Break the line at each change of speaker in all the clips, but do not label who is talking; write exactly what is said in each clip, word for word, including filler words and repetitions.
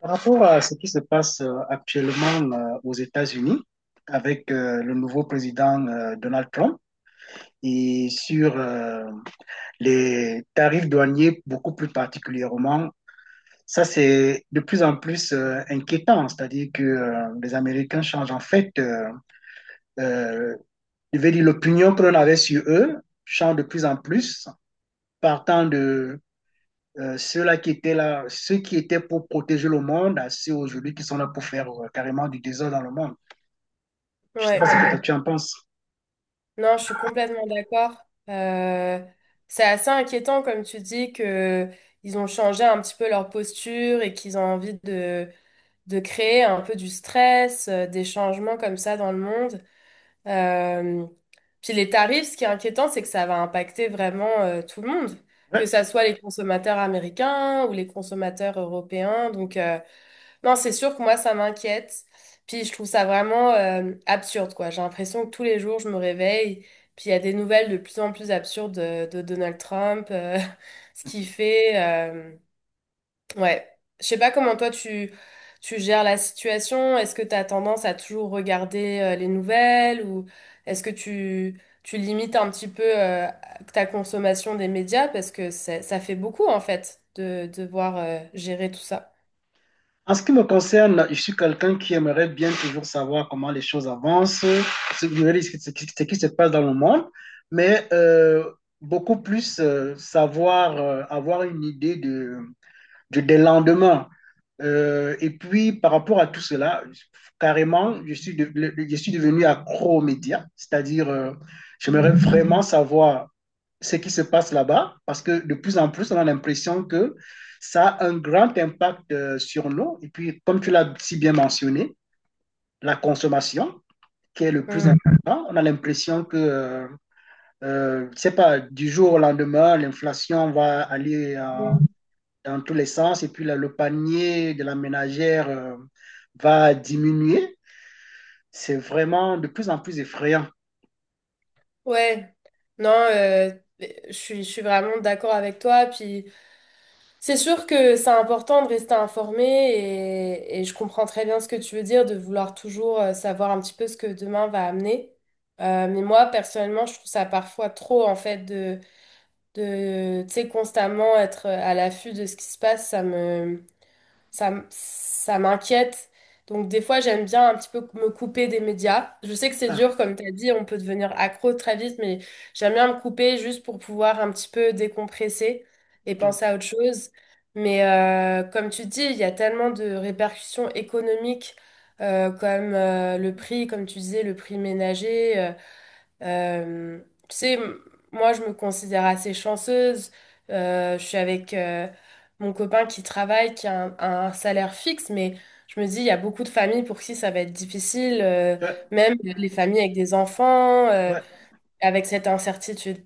Par rapport à ce qui se passe euh, actuellement euh, aux États-Unis avec euh, le nouveau président euh, Donald Trump et sur euh, les tarifs douaniers beaucoup plus particulièrement, ça c'est de plus en plus euh, inquiétant, c'est-à-dire que euh, les Américains changent en fait, euh, euh, je vais dire l'opinion que l'on avait sur eux change de plus en plus, partant de Euh, ceux-là qui étaient là, ceux qui étaient pour protéger le monde, à ceux aujourd'hui qui sont là pour faire euh, carrément du désordre dans le monde. Je ne sais pas
Ouais,
ce que toi, tu en penses.
non, je suis complètement d'accord. Euh, c'est assez inquiétant, comme tu dis, que ils ont changé un petit peu leur posture et qu'ils ont envie de, de créer un peu du stress, euh, des changements comme ça dans le monde. Euh, Puis les tarifs, ce qui est inquiétant, c'est que ça va impacter vraiment euh, tout le monde, que
Ouais.
ça soit les consommateurs américains ou les consommateurs européens. Donc, euh, non, c'est sûr que moi, ça m'inquiète. Puis je trouve ça vraiment euh, absurde, quoi. J'ai l'impression que tous les jours, je me réveille, puis il y a des nouvelles de plus en plus absurdes de, de Donald Trump, euh, ce qu'il fait. euh, ouais. Je sais pas comment toi, tu, tu gères la situation. Est-ce que tu as tendance à toujours regarder euh, les nouvelles ou est-ce que tu, tu limites un petit peu euh, ta consommation des médias? Parce que ça ça fait beaucoup, en fait, de de devoir euh, gérer tout ça.
En ce qui me concerne, je suis quelqu'un qui aimerait bien toujours savoir comment les choses avancent, ce, ce qui ce qui se passe dans le monde, mais euh, beaucoup plus euh, savoir, euh, avoir une idée de du, des lendemains. Euh, et puis, par rapport à tout cela, carrément, je suis, de- je suis devenu accro aux médias, c'est-à-dire, euh, j'aimerais
Mm,
vraiment savoir ce qui se passe là-bas, parce que de plus en plus, on a l'impression que ça a un grand impact euh, sur nous. Et puis, comme tu l'as si bien mentionné, la consommation, qui est le plus
mm,
important, on a l'impression que, euh, euh, je ne sais pas, du jour au lendemain, l'inflation va aller en
mm.
dans tous les sens. Et puis là, le panier de la ménagère euh, va diminuer. C'est vraiment de plus en plus effrayant.
Ouais, non, euh, je suis, je suis vraiment d'accord avec toi. Puis c'est sûr que c'est important de rester informé et, et je comprends très bien ce que tu veux dire, de vouloir toujours euh, savoir un petit peu ce que demain va amener. Euh, mais moi, personnellement, je trouve ça parfois trop, en fait, de, de, tu sais, constamment être à l'affût de ce qui se passe. Ça me, ça, m- ça m'inquiète. Donc des fois, j'aime bien un petit peu me couper des médias. Je sais que c'est
Ah.
dur, comme tu as dit, on peut devenir accro très vite, mais j'aime bien me couper juste pour pouvoir un petit peu décompresser et penser à autre chose. Mais euh, comme tu dis, il y a tellement de répercussions économiques euh, comme euh, le prix, comme tu disais, le prix ménager. euh, euh, tu sais, m- moi, je me considère assez chanceuse. Euh, je suis avec euh, mon copain qui travaille, qui a un, un salaire fixe, mais je me dis, il y a beaucoup de familles pour qui ça va être difficile, euh,
Oh, ouais,
même les familles avec des enfants, euh,
ouais.
avec cette incertitude.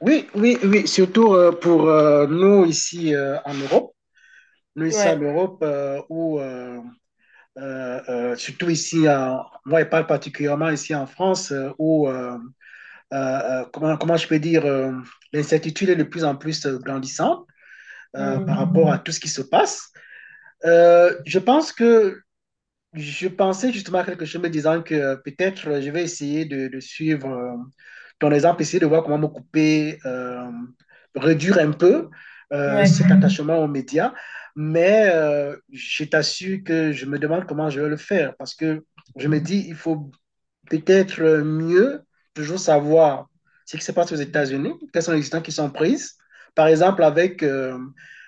Oui, oui, oui, surtout euh, pour euh, nous ici euh, en Europe. Nous ici en
Ouais.
Europe, euh, où, euh, euh, euh, surtout ici, en- moi je parle particulièrement ici en France, euh, où, euh, euh, euh, comment, comment je peux dire, euh, l'incertitude est de plus en plus euh, grandissante euh, par
Mm.
rapport à tout ce qui se passe. Euh, je pense que Je pensais justement à quelque chose me disant que euh, peut-être euh, je vais essayer de, de suivre euh, ton exemple, essayer de voir comment me couper, euh, réduire un peu euh,
Ouais,
cet attachement aux médias. Mais euh, je t'assure que je me demande comment je vais le faire parce que je me dis, il faut peut-être euh, mieux toujours savoir ce qui se passe aux États-Unis, quelles sont les décisions qui sont prises. Par exemple, avec euh,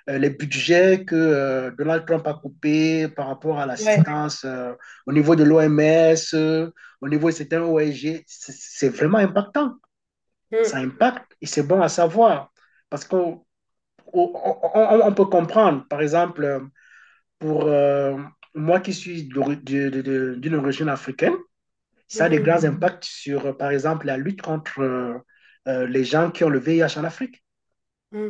euh, les budgets que euh, Donald Trump a coupés par rapport à
ouais.
l'assistance euh, au niveau de l'O M S, euh, au niveau de certains O N G, G, c'est vraiment impactant. Ça
Mm.
impacte et c'est bon à savoir parce qu'on on, on- on peut comprendre. Par exemple, euh, pour euh, moi qui suis d'une origine africaine, ça a de
Mhm.
grands impacts sur, euh, par exemple, la lutte contre euh, euh, les gens qui ont le V I H en Afrique.
Mm.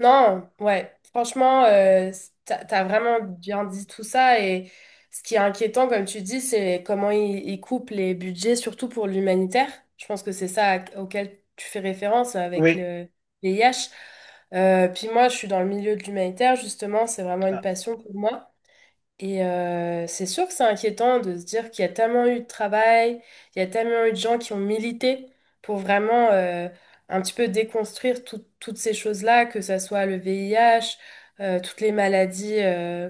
Non, ouais. Franchement, euh, c- t'as, t'as vraiment bien dit tout ça. Et ce qui est inquiétant, comme tu dis, c'est comment ils, ils coupent les budgets, surtout pour l'humanitaire. Je pense que c'est ça à- auquel tu fais référence avec
Oui.
le V I H. Euh, puis moi, je suis dans le milieu de l'humanitaire, justement. C'est vraiment une passion pour moi. Et euh, c'est sûr que c'est inquiétant de se dire qu'il y a tellement eu de travail, il y a tellement eu de gens qui ont milité pour vraiment euh, un petit peu déconstruire tout- toutes ces choses-là, que ça soit le V I H, euh, toutes les maladies euh,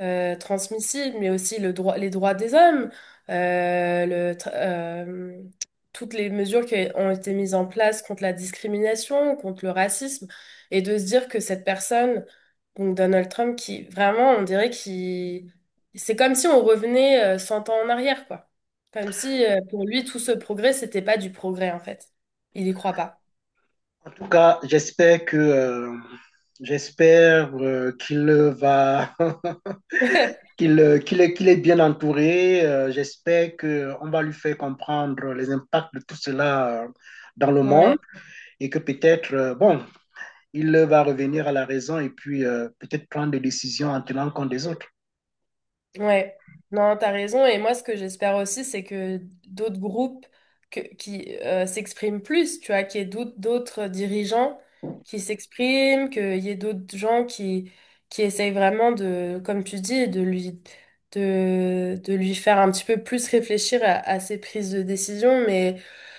euh, transmissibles, mais aussi le droit, les droits des hommes, euh, le tra- euh, toutes les mesures qui ont été mises en place contre la discrimination, contre le racisme, et de se dire que cette personne donc Donald Trump qui, vraiment, on dirait qu'il... C'est comme si on revenait euh, cent ans en arrière, quoi. Comme si euh, pour lui, tout ce progrès, c'était pas du progrès, en fait. Il y croit pas.
En tout cas, j'espère que euh, j'espère euh, qu'il va... qu'il euh, qu'il qu'il est bien entouré. Euh, j'espère que on va lui faire comprendre les impacts de tout cela euh, dans le monde
Ouais.
et que peut-être euh, bon, il va revenir à la raison et puis euh, peut-être prendre des décisions en tenant compte des autres.
Ouais, non, t'as raison. Et moi, ce que j'espère aussi, c'est que d'autres groupes que- qui euh, s'expriment plus, tu vois, qu'il y ait d'aut- d'autres dirigeants qui s'expriment, qu'il y ait d'autres gens qui, qui essayent vraiment de, comme tu dis, de lui, de, de lui faire un petit peu plus réfléchir à, à ses prises de décision. Mais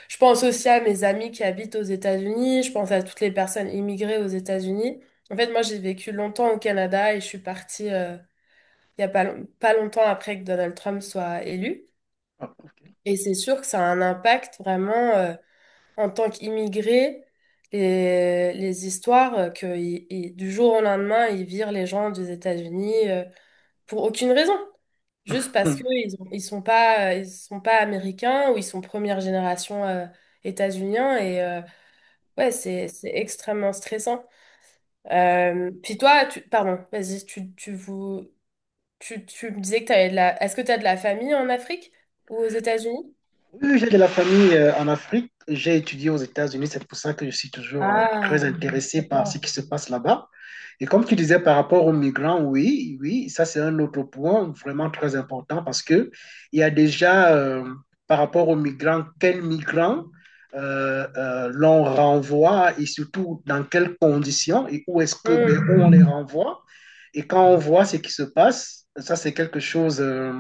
je pense aussi à mes amis qui habitent aux États-Unis, je pense à toutes les personnes immigrées aux États-Unis. En fait, moi, j'ai vécu longtemps au Canada et je suis partie. euh, Il n'y a pas, long- pas longtemps après que Donald Trump soit élu.
Ah,
Et c'est sûr que ça a un impact vraiment euh, en tant qu'immigré, les, les histoires euh, que il- il- du jour au lendemain, ils virent les gens des États-Unis euh, pour aucune raison. Juste parce que
ok.
ils ont- ils sont pas, euh, ils sont pas américains ou ils sont première génération euh, états-uniens. Et euh, ouais, c'est, c'est extrêmement stressant. Euh, puis toi, tu, pardon, vas-y, tu, tu vous... Tu, tu me disais que t'avais de la... Est-ce que tu as de la famille en Afrique ou aux États-Unis?
Oui, oui, j'ai de la famille euh, en Afrique. J'ai étudié aux États-Unis. C'est pour ça que je suis toujours euh, très
Ah,
intéressé par ce
d'accord.
qui se passe là-bas. Et comme tu disais par rapport aux migrants, oui, oui, ça c'est un autre point vraiment très important parce que il y a déjà euh, par rapport aux migrants, quels migrants euh, euh, l'on renvoie et surtout dans quelles conditions et où est-ce que vers
Hmm.
où on les renvoie. Et quand on voit ce qui se passe, ça c'est quelque chose. euh,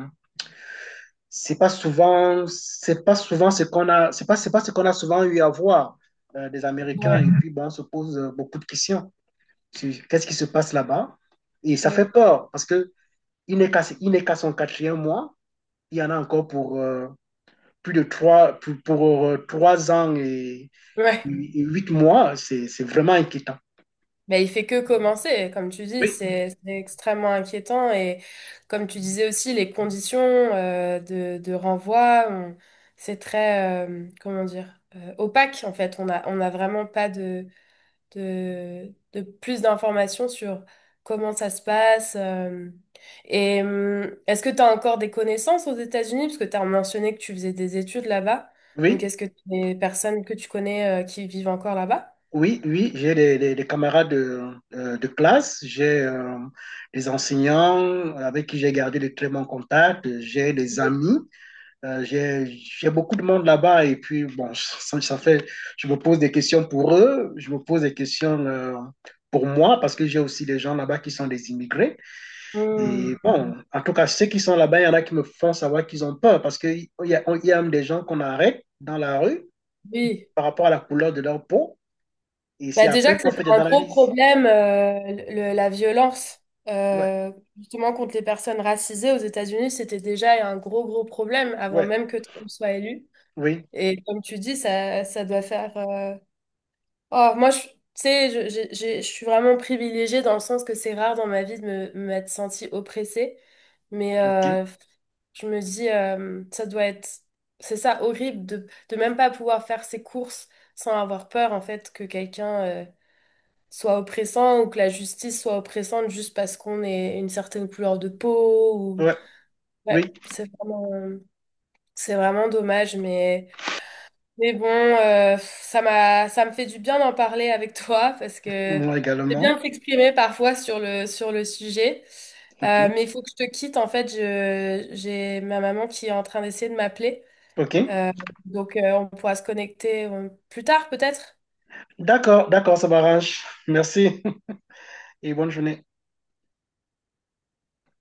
C'est pas souvent, c'est pas souvent ce qu'on a, c'est pas, c'est pas ce qu'on a souvent eu à voir euh, des Américains. Et
Ouais.
puis, bon, on se pose euh, beaucoup de questions sur qu'est-ce qui se passe là-bas. Et ça fait
Hmm.
peur parce que il n'est qu'à, il n'est qu'à son quatrième mois. Il y en a encore pour euh, plus de trois, pour, pour, euh, trois ans et,
Ouais.
et huit mois. C'est, c'est vraiment inquiétant.
Ben, il fait que commencer, comme tu dis,
Oui,
c'est c'est extrêmement inquiétant. Et comme tu disais aussi, les conditions euh, de, de renvoi, on- c'est très, euh, comment dire, euh, opaque en fait. On a, on a vraiment pas de... de, de plus d'informations sur comment ça se passe. euh, Et hum, est-ce que tu as encore des connaissances aux États-Unis? Parce que tu as mentionné que tu faisais des études là-bas. Donc,
oui.
est-ce que tu as des personnes que tu connais euh, qui vivent encore là-bas?
Oui, oui, j'ai des, des- des camarades de, euh, de classe, j'ai euh, des enseignants avec qui j'ai gardé de très bons contacts, j'ai des amis, euh, j'ai, j'ai beaucoup de monde là-bas et puis bon, ça, ça fait, je me pose des questions pour eux, je me pose des questions euh, pour moi parce que j'ai aussi des gens là-bas qui sont des immigrés et
Hum.
bon, en tout cas ceux qui sont là-bas, il y en a qui me font savoir qu'ils ont peur parce qu'il y a, il y a même des gens qu'on arrête dans la rue
Oui.
par rapport à la couleur de leur peau et c'est
Bah déjà
après
que
qu'on
c'était
fait des
un gros
analyses.
problème, euh, le- la violence,
Ouais,
euh, justement contre les personnes racisées aux États-Unis, c'était déjà un gros, gros problème avant
ouais,
même que Trump soit élu.
oui,
Et comme tu dis, ça, ça doit faire, euh, oh, moi, je, tu sais, je, j'ai- j'ai- je suis vraiment privilégiée dans le sens que c'est rare dans ma vie de me, m'être sentie oppressée. Mais
ok,
euh, je me dis, euh, ça doit être, c'est ça, horrible de, de même pas pouvoir faire ses courses sans avoir peur, en fait, que quelqu'un euh, soit oppressant ou que la justice soit oppressante juste parce qu'on est une certaine couleur de peau. Ou...
ouais,
Ouais,
oui,
c'est vraiment, euh, c'est vraiment dommage, mais. Mais bon, euh, ça m'a, ça me fait du bien d'en parler avec toi parce que
moi
c'est bien
également,
de s'exprimer parfois sur le, sur le sujet.
ok,
Euh, mais il faut que je te quitte. En fait, je, j'ai ma maman qui est en train d'essayer de m'appeler.
ok.
Euh, donc, euh, on pourra se connecter euh, plus tard peut-être.
D'accord, d'accord, ça m'arrange. Merci. Et bonne journée.